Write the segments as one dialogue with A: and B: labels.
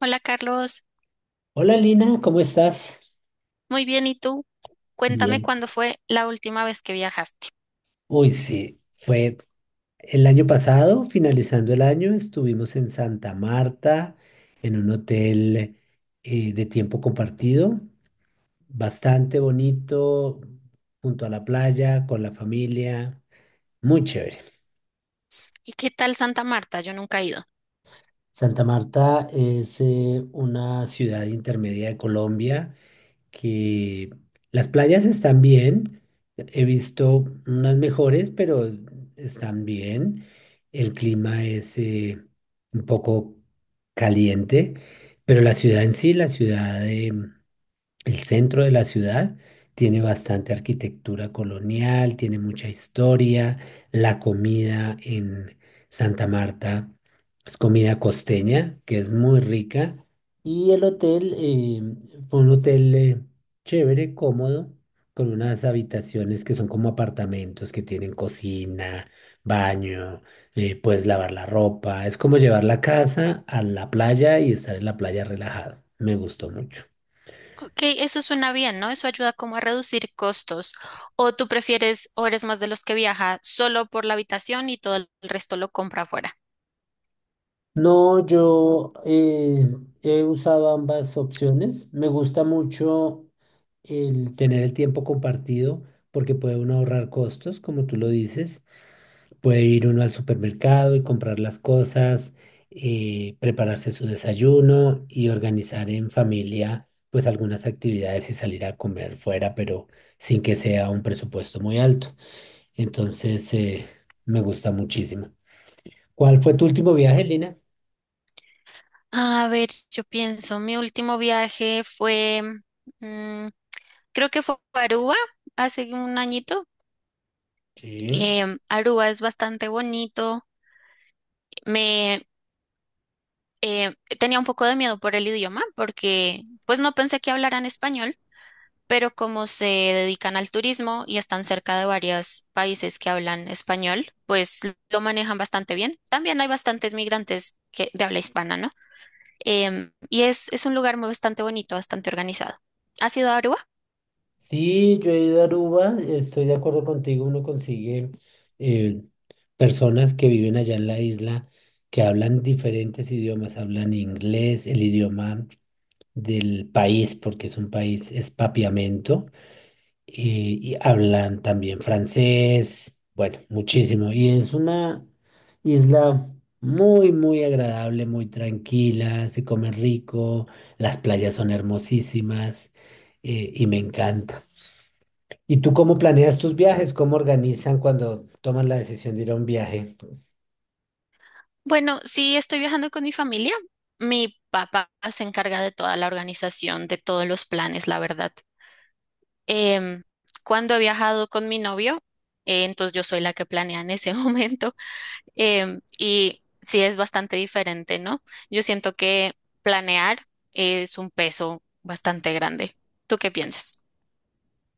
A: Hola Carlos,
B: Hola Lina, ¿cómo estás?
A: muy bien, ¿y tú? Cuéntame
B: Bien.
A: cuándo fue la última vez que viajaste.
B: Uy, sí, fue el año pasado, finalizando el año, estuvimos en Santa Marta, en un hotel de tiempo compartido, bastante bonito, junto a la playa, con la familia, muy chévere.
A: ¿Y qué tal Santa Marta? Yo nunca he ido.
B: Santa Marta es una ciudad intermedia de Colombia. Que las playas están bien, he visto unas mejores, pero están bien. El clima es un poco caliente, pero la ciudad en sí, la ciudad el centro de la ciudad tiene bastante arquitectura colonial, tiene mucha historia. La comida en Santa Marta es comida costeña, que es muy rica. Y el hotel fue un hotel chévere, cómodo, con unas habitaciones que son como apartamentos, que tienen cocina, baño, puedes lavar la ropa. Es como llevar la casa a la playa y estar en la playa relajado. Me gustó mucho.
A: Ok, eso suena bien, ¿no? Eso ayuda como a reducir costos. ¿O tú prefieres o eres más de los que viaja solo por la habitación y todo el resto lo compra afuera?
B: No, yo he usado ambas opciones. Me gusta mucho el tener el tiempo compartido porque puede uno ahorrar costos, como tú lo dices. Puede ir uno al supermercado y comprar las cosas, prepararse su desayuno y organizar en familia pues algunas actividades y salir a comer fuera, pero sin que sea un presupuesto muy alto. Entonces, me gusta muchísimo. ¿Cuál fue tu último viaje, Lina?
A: A ver, yo pienso, mi último viaje fue, mm, creo que fue a Aruba hace un añito.
B: Sí.
A: Aruba es bastante bonito. Tenía un poco de miedo por el idioma porque pues no pensé que hablaran español, pero como se dedican al turismo y están cerca de varios países que hablan español, pues lo manejan bastante bien. También hay bastantes migrantes que, de habla hispana, ¿no? Y es un lugar muy bastante bonito, bastante organizado. ¿Has ido a Aruba?
B: Sí, yo he ido a Aruba, estoy de acuerdo contigo, uno consigue eh, personas que viven allá en la isla que hablan diferentes idiomas, hablan inglés, el idioma del país, porque es un país, es papiamento, y hablan también francés, bueno, muchísimo. Y es una isla muy, muy agradable, muy tranquila, se come rico, las playas son hermosísimas, y me encanta. ¿Y tú cómo planeas tus viajes? ¿Cómo organizan cuando toman la decisión de ir a un viaje?
A: Bueno, sí, estoy viajando con mi familia. Mi papá se encarga de toda la organización, de todos los planes, la verdad. Em, cuando he viajado con mi novio, entonces yo soy la que planea en ese momento, y sí es bastante diferente, ¿no? Yo siento que planear es un peso bastante grande. ¿Tú qué piensas?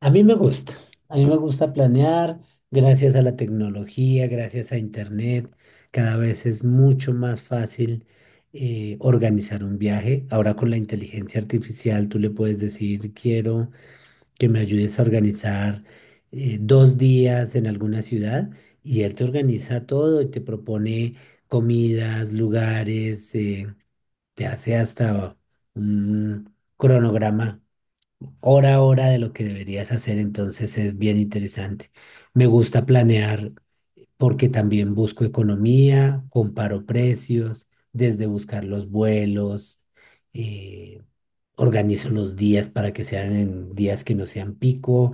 B: A mí me gusta, a mí me gusta planear gracias a la tecnología, gracias a Internet. Cada vez es mucho más fácil organizar un viaje. Ahora con la inteligencia artificial tú le puedes decir, quiero que me ayudes a organizar 2 días en alguna ciudad y él te organiza todo y te propone comidas, lugares. Te hace hasta un cronograma hora a hora de lo que deberías hacer, entonces es bien interesante. Me gusta planear porque también busco economía, comparo precios, desde buscar los vuelos, eh, organizo los días para que sean en días que no sean pico,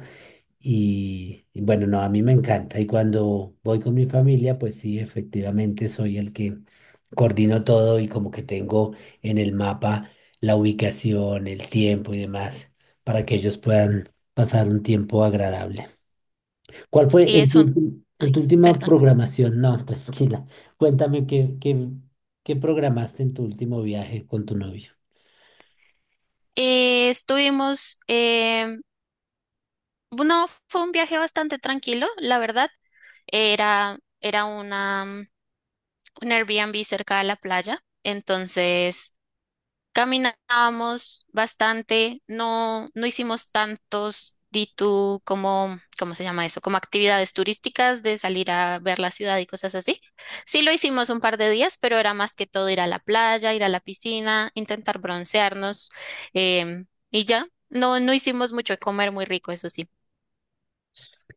B: y bueno, no, a mí me encanta. Y cuando voy con mi familia, pues sí, efectivamente soy el que coordino todo y como que tengo en el mapa la ubicación, el tiempo y demás para que ellos puedan pasar un tiempo agradable. ¿Cuál fue
A: Sí,
B: en
A: es
B: tu,
A: un... Ay,
B: en tu última
A: perdón.
B: programación? No, tranquila. Cuéntame qué, qué, qué programaste en tu último viaje con tu novio.
A: Estuvimos, no, fue un viaje bastante tranquilo, la verdad. Era una un Airbnb cerca de la playa, entonces caminábamos bastante, no, no hicimos tantos D2 como, ¿cómo se llama eso? Como actividades turísticas de salir a ver la ciudad y cosas así. Sí lo hicimos un par de días, pero era más que todo ir a la playa, ir a la piscina, intentar broncearnos em, y ya. No, no hicimos mucho de comer muy rico, eso sí.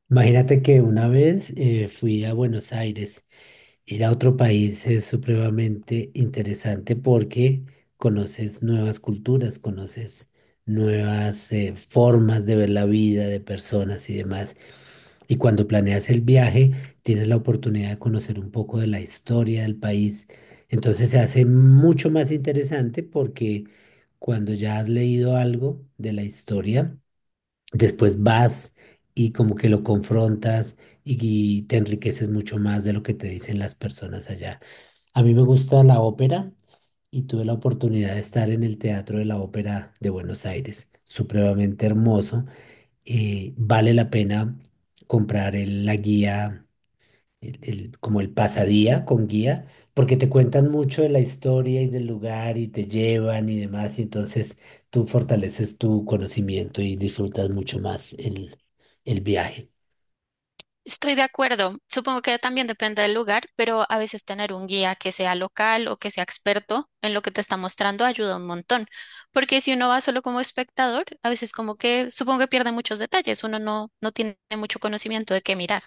B: Imagínate que una vez fui a Buenos Aires. Ir a otro país es supremamente interesante porque conoces nuevas culturas, conoces nuevas formas de ver la vida de personas y demás. Y cuando planeas el viaje, tienes la oportunidad de conocer un poco de la historia del país. Entonces se hace mucho más interesante porque cuando ya has leído algo de la historia, después vas y como que lo confrontas y, y te enriqueces mucho más de lo que te dicen las personas allá. A mí me gusta la ópera y tuve la oportunidad de estar en el Teatro de la Ópera de Buenos Aires, supremamente hermoso. Vale la pena comprar la guía como el pasadía con guía, porque te cuentan mucho de la historia y del lugar y te llevan y demás, y entonces tú fortaleces tu conocimiento y disfrutas mucho más el viaje.
A: Estoy de acuerdo. Supongo que también depende del lugar, pero a veces tener un guía que sea local o que sea experto en lo que te está mostrando ayuda un montón. Porque si uno va solo como espectador, a veces como que supongo que pierde muchos detalles. Uno no, no tiene mucho conocimiento de qué mirar.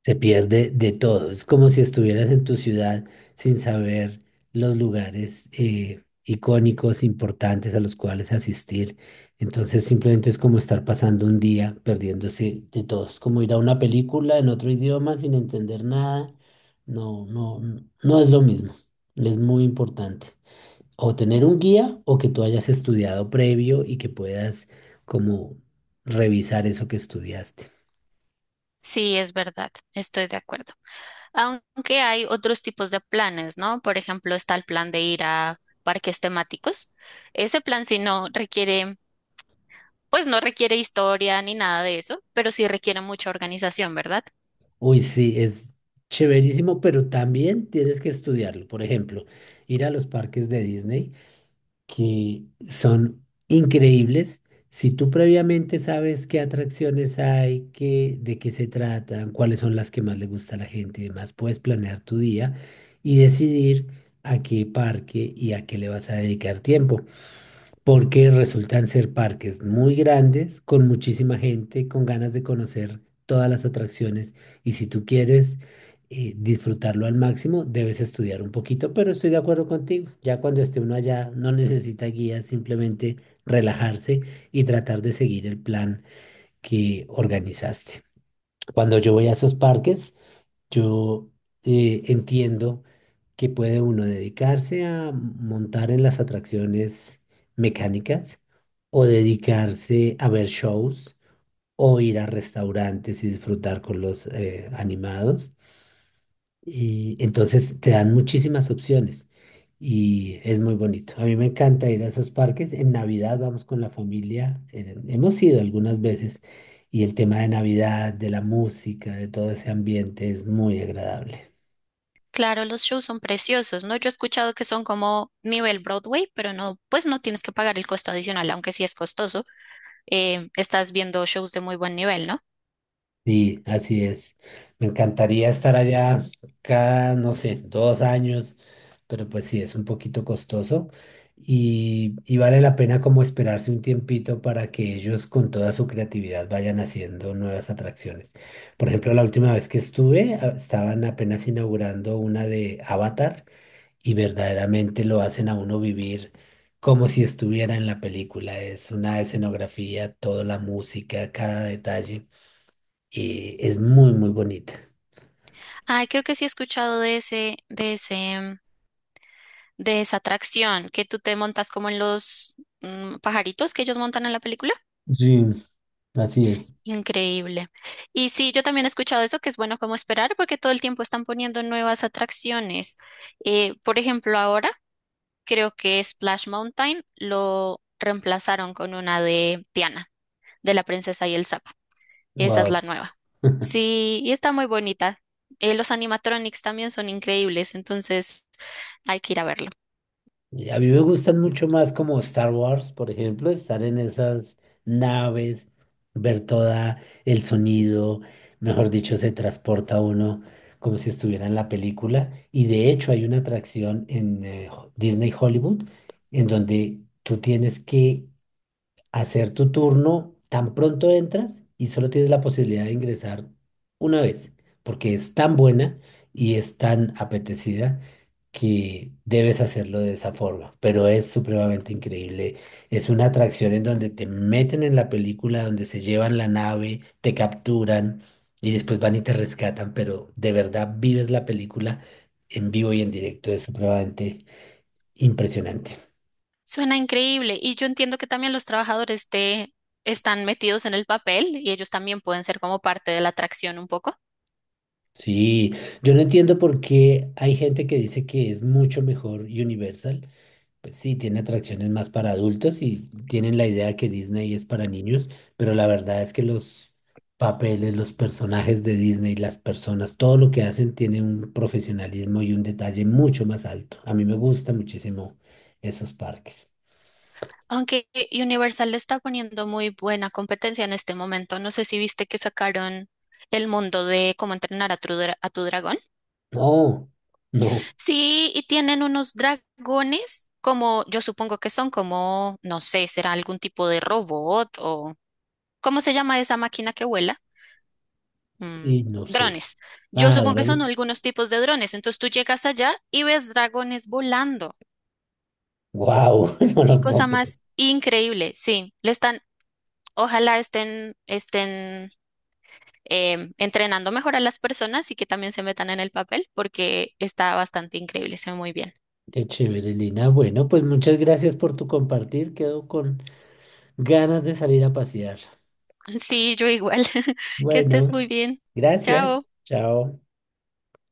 B: Se pierde de todo. Es como si estuvieras en tu ciudad sin saber los lugares icónicos, importantes a los cuales asistir. Entonces simplemente es como estar pasando un día perdiéndose de todo. Es como ir a una película en otro idioma sin entender nada. No, no, no es lo mismo. Es muy importante. O tener un guía o que tú hayas estudiado previo y que puedas como revisar eso que estudiaste.
A: Sí, es verdad. Estoy de acuerdo. Aunque hay otros tipos de planes, ¿no? Por ejemplo, está el plan de ir a parques temáticos. Ese plan sí no requiere, pues no requiere historia ni nada de eso, pero sí requiere mucha organización, ¿verdad?
B: Uy, sí, es chéverísimo, pero también tienes que estudiarlo. Por ejemplo, ir a los parques de Disney, que son increíbles. Si tú previamente sabes qué atracciones hay, qué, de qué se tratan, cuáles son las que más le gusta a la gente y demás, puedes planear tu día y decidir a qué parque y a qué le vas a dedicar tiempo porque resultan ser parques muy grandes, con muchísima gente, con ganas de conocer todas las atracciones. Y si tú quieres disfrutarlo al máximo, debes estudiar un poquito, pero estoy de acuerdo contigo. Ya cuando esté uno allá, no necesita guía, simplemente relajarse y tratar de seguir el plan que organizaste. Cuando yo voy a esos parques, yo entiendo que puede uno dedicarse a montar en las atracciones mecánicas o dedicarse a ver shows o ir a restaurantes y disfrutar con los animados. Y entonces te dan muchísimas opciones y es muy bonito. A mí me encanta ir a esos parques. En Navidad vamos con la familia. Hemos ido algunas veces y el tema de Navidad, de la música, de todo ese ambiente es muy agradable.
A: Claro, los shows son preciosos, ¿no? Yo he escuchado que son como nivel Broadway, pero no, pues no tienes que pagar el costo adicional, aunque sí es costoso. Estás viendo shows de muy buen nivel, ¿no?
B: Sí, así es. Me encantaría estar allá cada, no sé, 2 años, pero pues sí, es un poquito costoso y vale la pena como esperarse un tiempito para que ellos con toda su creatividad vayan haciendo nuevas atracciones. Por ejemplo, la última vez que estuve, estaban apenas inaugurando una de Avatar y verdaderamente lo hacen a uno vivir como si estuviera en la película. Es una escenografía, toda la música, cada detalle es muy, muy bonita.
A: Ay, creo que sí he escuchado de ese, de esa atracción que tú te montas como en los pajaritos que ellos montan en la película.
B: Sí, así es.
A: Increíble. Y sí, yo también he escuchado eso, que es bueno como esperar, porque todo el tiempo están poniendo nuevas atracciones. Por ejemplo, ahora creo que Splash Mountain lo reemplazaron con una de Tiana, de la princesa y el sapo. Esa es la
B: Wow.
A: nueva. Sí, y está muy bonita. Los animatronics también son increíbles, entonces hay que ir a verlo.
B: Y a mí me gustan mucho más como Star Wars, por ejemplo, estar en esas naves, ver toda el sonido, mejor dicho, se transporta uno como si estuviera en la película. Y de hecho hay una atracción en Disney Hollywood en donde tú tienes que hacer tu turno tan pronto entras y solo tienes la posibilidad de ingresar una vez, porque es tan buena y es tan apetecida que debes hacerlo de esa forma, pero es supremamente increíble. Es una atracción en donde te meten en la película, donde se llevan la nave, te capturan y después van y te rescatan, pero de verdad vives la película en vivo y en directo, es supremamente impresionante.
A: Suena increíble y yo entiendo que también los trabajadores te están metidos en el papel y ellos también pueden ser como parte de la atracción un poco.
B: Sí, yo no entiendo por qué hay gente que dice que es mucho mejor Universal. Pues sí, tiene atracciones más para adultos y tienen la idea que Disney es para niños, pero la verdad es que los papeles, los personajes de Disney, las personas, todo lo que hacen tiene un profesionalismo y un detalle mucho más alto. A mí me gustan muchísimo esos parques.
A: Aunque Universal le está poniendo muy buena competencia en este momento, no sé si viste que sacaron El mundo de cómo entrenar a tu dragón.
B: No, no,
A: Sí, y tienen unos dragones como, yo supongo que son como, no sé, será algún tipo de robot o, ¿cómo se llama esa máquina que vuela? Mm,
B: y no sé.
A: Drones. Yo
B: Ah,
A: supongo que son algunos tipos de drones. Entonces tú llegas allá y ves dragones volando.
B: wow, no
A: Qué
B: lo puedo
A: cosa
B: creer.
A: más increíble. Sí, ojalá estén entrenando mejor a las personas y que también se metan en el papel porque está bastante increíble, se ve muy bien.
B: Qué chévere, Lina. Bueno, pues muchas gracias por tu compartir. Quedo con ganas de salir a pasear.
A: Sí, yo igual. Que estés
B: Bueno,
A: muy bien.
B: gracias.
A: Chao.
B: Chao.